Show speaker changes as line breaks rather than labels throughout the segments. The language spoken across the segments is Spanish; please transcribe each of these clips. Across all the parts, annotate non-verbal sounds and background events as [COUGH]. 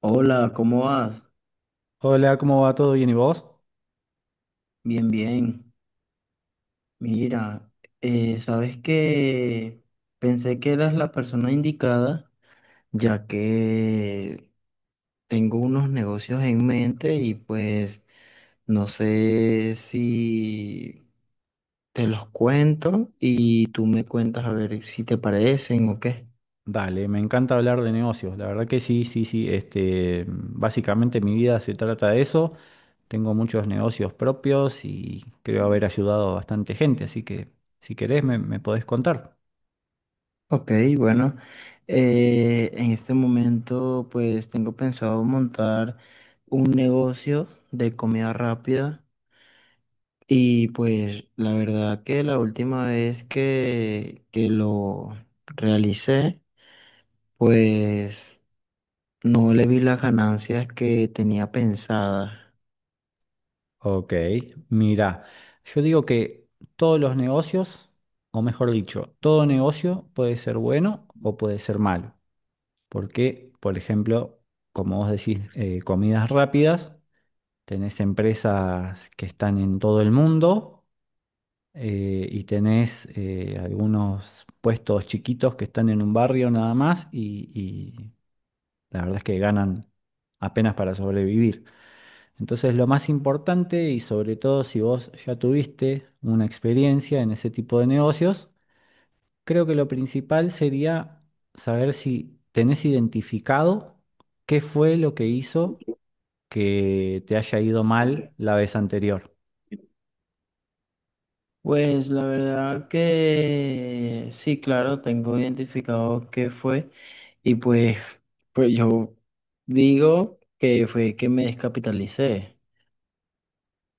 Hola, ¿cómo vas?
Hola, ¿cómo va? ¿Todo bien y vos?
Bien, bien. Mira, sabes que pensé que eras la persona indicada, ya que tengo unos negocios en mente y pues no sé si te los cuento y tú me cuentas a ver si te parecen o qué.
Dale, me encanta hablar de negocios. La verdad que sí, sí, sí. Este, básicamente mi vida se trata de eso. Tengo muchos negocios propios y creo haber ayudado a bastante gente, así que si querés me podés contar.
Ok, bueno, en este momento pues tengo pensado montar un negocio de comida rápida. Y pues la verdad que la última vez que lo realicé, pues no le vi las ganancias que tenía pensadas.
Ok, mira, yo digo que todos los negocios, o mejor dicho, todo negocio puede ser bueno o puede ser malo. Porque, por ejemplo, como vos decís, comidas rápidas. Tenés empresas que están en todo el mundo y tenés algunos puestos chiquitos que están en un barrio nada más y la verdad es que ganan apenas para sobrevivir. Entonces lo más importante y sobre todo si vos ya tuviste una experiencia en ese tipo de negocios, creo que lo principal sería saber si tenés identificado qué fue lo que hizo que te haya ido mal la vez anterior.
Pues la verdad que sí, claro, tengo identificado qué fue y pues yo digo que fue que me descapitalicé.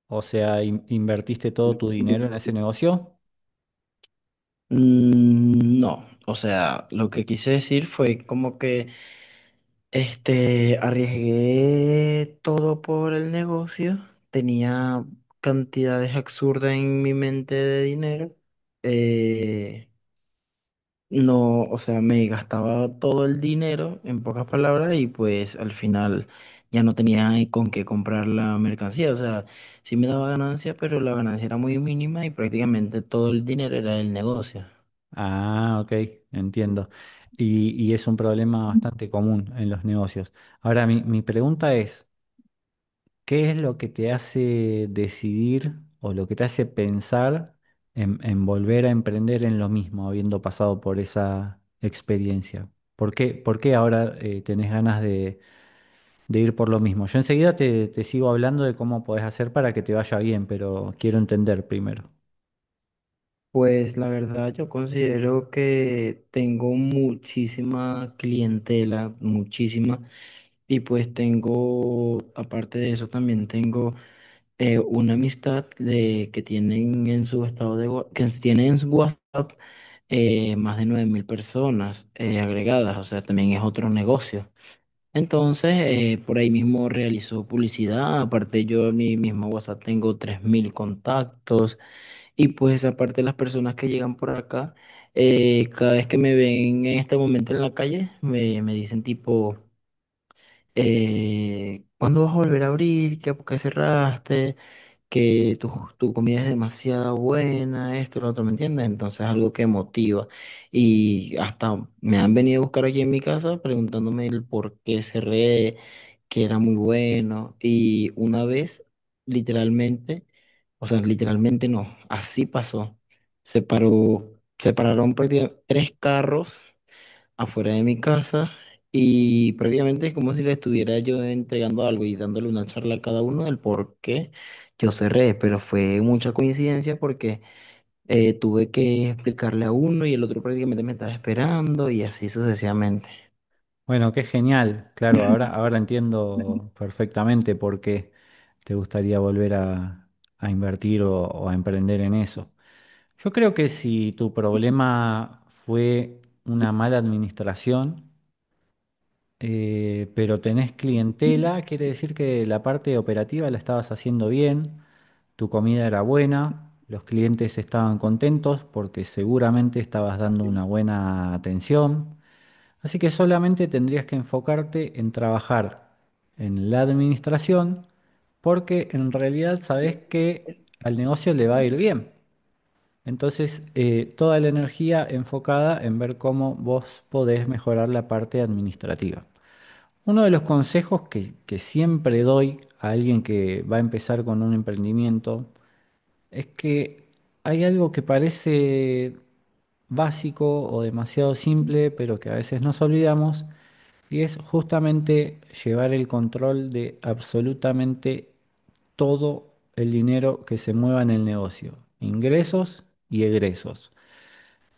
O sea, ¿invertiste todo tu dinero en ese negocio?
Mm, no, o sea, lo que quise decir fue como que... Este, arriesgué todo por el negocio. Tenía cantidades absurdas en mi mente de dinero. Eh, no, o sea, me gastaba todo el dinero, en pocas palabras, y pues al final ya no tenía con qué comprar la mercancía. O sea, sí me daba ganancia, pero la ganancia era muy mínima y prácticamente todo el dinero era del negocio.
Ah, ok, entiendo. Y es un problema bastante común en los negocios. Ahora, mi pregunta es, ¿qué es lo que te hace decidir o lo que te hace pensar en volver a emprender en lo mismo, habiendo pasado por esa experiencia? Por qué ahora tenés ganas de ir por lo mismo? Yo enseguida te sigo hablando de cómo podés hacer para que te vaya bien, pero quiero entender primero.
Pues la verdad yo considero que tengo muchísima clientela, muchísima, y pues tengo, aparte de eso también tengo una amistad de, que tienen en su WhatsApp más de 9000 personas agregadas, o sea, también es otro negocio. Entonces, por ahí mismo realizo publicidad. Aparte, yo en mi mismo WhatsApp tengo 3000 contactos. Y pues aparte las personas que llegan por acá, cada vez que me ven en este momento en la calle, me dicen tipo, ¿cuándo vas a volver a abrir? ¿Por qué cerraste? Que tu comida es demasiado buena, esto, lo otro, ¿me entiendes? Entonces, algo que motiva. Y hasta me han venido a buscar aquí en mi casa preguntándome el por qué cerré, que era muy bueno. Y una vez, literalmente, o sea, literalmente no, así pasó. Se paró, se pararon prácticamente tres carros afuera de mi casa, y prácticamente es como si le estuviera yo entregando algo y dándole una charla a cada uno del por qué yo cerré, pero fue mucha coincidencia porque tuve que explicarle a uno y el otro prácticamente me estaba esperando y así sucesivamente.
Bueno, qué genial. Claro, ahora, ahora entiendo perfectamente por qué te gustaría volver a invertir o a emprender en eso. Yo creo que si tu problema fue una mala administración, pero tenés clientela, quiere decir que la parte operativa la estabas haciendo bien, tu comida era buena, los clientes estaban contentos porque seguramente estabas dando una buena atención. Así que solamente tendrías que enfocarte en trabajar en la administración, porque en realidad sabes que al negocio le va a ir bien. Entonces, toda la energía enfocada en ver cómo vos podés mejorar la parte administrativa. Uno de los consejos que siempre doy a alguien que va a empezar con un emprendimiento es que hay algo que parece básico o demasiado simple, pero que a veces nos olvidamos, y es justamente llevar el control de absolutamente todo el dinero que se mueva en el negocio, ingresos y egresos.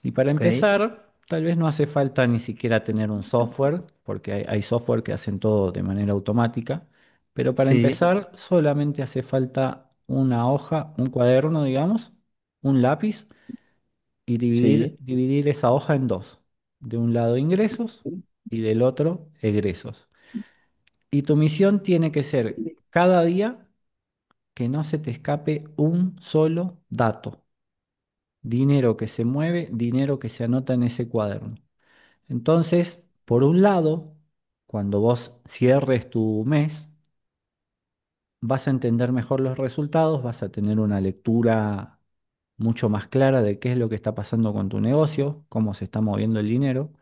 Y para
Ok,
empezar, tal vez no hace falta ni siquiera tener un software, porque hay software que hacen todo de manera automática, pero para
sí,
empezar solamente hace falta una hoja, un cuaderno, digamos, un lápiz, y dividir,
sí.
dividir esa hoja en dos. De un lado ingresos y del otro egresos. Y tu misión tiene que ser cada día que no se te escape un solo dato. Dinero que se mueve, dinero que se anota en ese cuaderno. Entonces, por un lado, cuando vos cierres tu mes, vas a entender mejor los resultados, vas a tener una lectura mucho más clara de qué es lo que está pasando con tu negocio, cómo se está moviendo el dinero.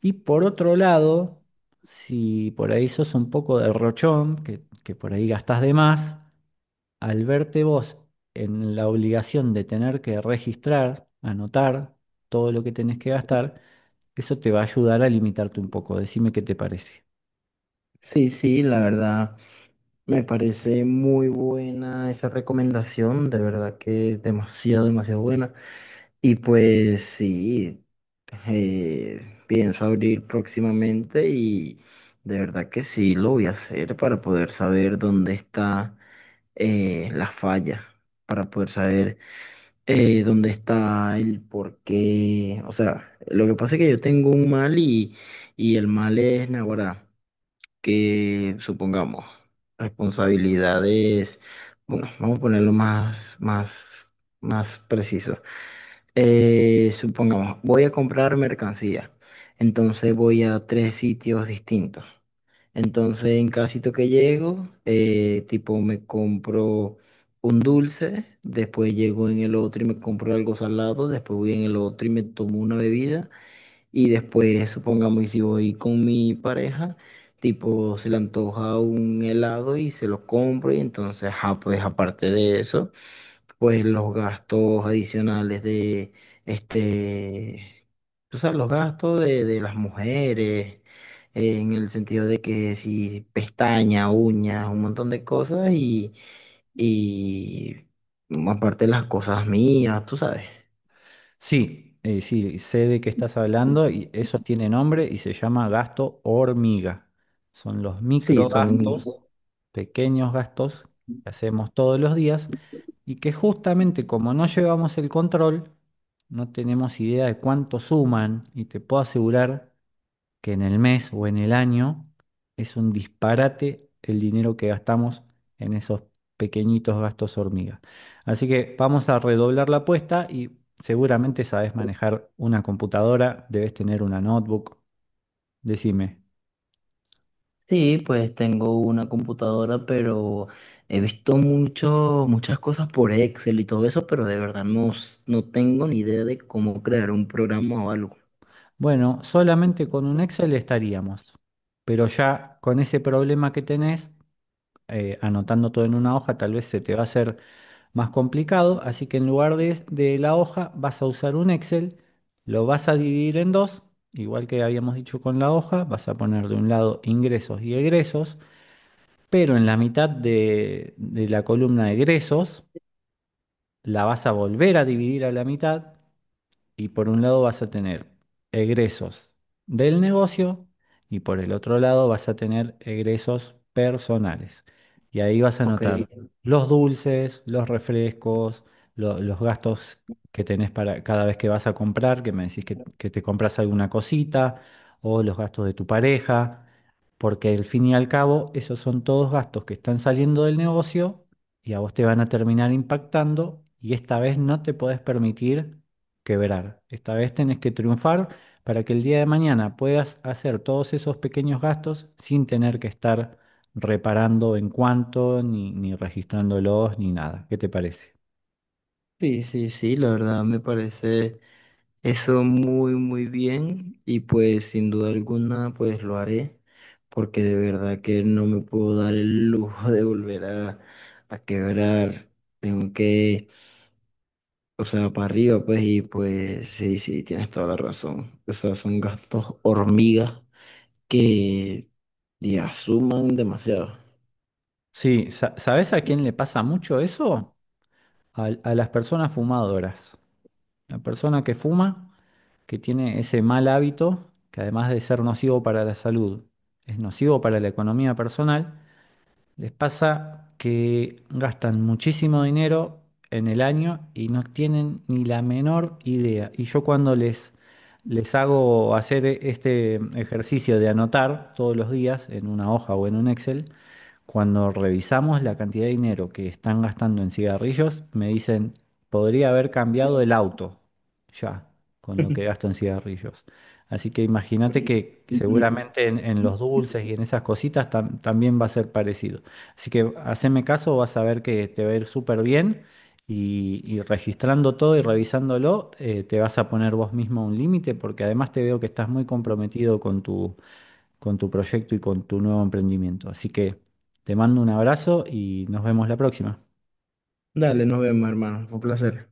Y por otro lado, si por ahí sos un poco derrochón, que por ahí gastás de más, al verte vos en la obligación de tener que registrar, anotar todo lo que tenés que gastar, eso te va a ayudar a limitarte un poco. Decime qué te parece.
Sí, sí, la verdad me parece muy buena esa recomendación, de verdad que es demasiado, demasiado buena. Y pues sí, pienso abrir próximamente y de verdad que sí lo voy a hacer para poder saber dónde está la falla, para poder saber dónde está el por qué. O sea, lo que pasa es que yo tengo un mal y el mal es naguará, que supongamos responsabilidades. Bueno, vamos a ponerlo más preciso. Supongamos, voy a comprar mercancía, entonces voy a tres sitios distintos. Entonces, en cada sitio que llego, tipo me compro un dulce, después llego en el otro y me compro algo salado, después voy en el otro y me tomo una bebida y después, supongamos, y si voy con mi pareja, tipo se le antoja un helado y se lo compro, y entonces, ajá, pues aparte de eso pues los gastos adicionales de, este, tú sabes, los gastos de las mujeres, en el sentido de que si pestañas, uñas, un montón de cosas y, aparte, las cosas mías, tú sabes.
Sí, sí, sé de qué estás hablando y eso tiene nombre y se llama gasto hormiga. Son los
Sí,
microgastos, pequeños gastos que hacemos todos los días y que justamente como no llevamos el control, no tenemos idea de cuánto suman, y te puedo asegurar que en el mes o en el año es un disparate el dinero que gastamos en esos pequeñitos gastos hormigas. Así que vamos a redoblar la apuesta y seguramente sabes manejar una computadora, debes tener una notebook, decime.
sí, pues tengo una computadora, pero he visto muchas cosas por Excel y.
Bueno, solamente con un Excel estaríamos, pero ya con ese problema que tenés, anotando todo en una hoja, tal vez se te va a hacer más complicado, así que en lugar de la hoja vas a usar un Excel, lo vas a dividir en dos, igual que habíamos dicho con la hoja, vas a poner de un lado ingresos y egresos, pero en la mitad de la columna de egresos la vas a volver a dividir a la mitad, y por un lado vas a tener egresos del negocio y por el otro lado vas a tener egresos personales. Y ahí vas a notar los dulces, los refrescos, los gastos que tenés para cada vez que vas a comprar, que me decís que te compras alguna cosita, o los gastos de tu pareja, porque al fin y al cabo esos son todos gastos que están saliendo del negocio y a vos te van a terminar impactando, y esta vez no te podés permitir quebrar. Esta vez tenés que triunfar para que el día de mañana puedas hacer todos esos pequeños gastos sin tener que estar reparando en cuánto, ni, ni registrándolos, ni nada. ¿Qué te parece?
Sí, sí, sí, la verdad me parece eso muy, muy bien y pues sin duda alguna pues lo haré, porque de verdad que no me puedo dar el lujo [LAUGHS] de volver a quebrar. Tengo que, o sea, para arriba pues. Y pues sí, sí, tienes toda la razón. O sea, son gastos hormigas que ya suman demasiado.
Sí, ¿sabés a quién le pasa mucho eso? A, las personas fumadoras. La persona que fuma, que tiene ese mal hábito, que además de ser nocivo para la salud, es nocivo para la economía personal. Les pasa que gastan muchísimo dinero en el año y no tienen ni la menor idea. Y yo cuando les hago hacer este ejercicio de anotar todos los días en una hoja o en un Excel, cuando revisamos la cantidad de dinero que están gastando en cigarrillos, me dicen, podría haber cambiado el auto ya con lo que gasto en cigarrillos. Así que imagínate que
Ujú.
seguramente en los dulces y en esas cositas también va a ser parecido. Así que haceme caso, vas a ver que te va a ir súper bien, y registrando todo y revisándolo, te vas a poner vos mismo un límite, porque además te veo que estás muy comprometido con tu proyecto y con tu nuevo emprendimiento. Así que te mando un abrazo y nos vemos la próxima.
Dale, nos vemos, hermano. Fue un placer.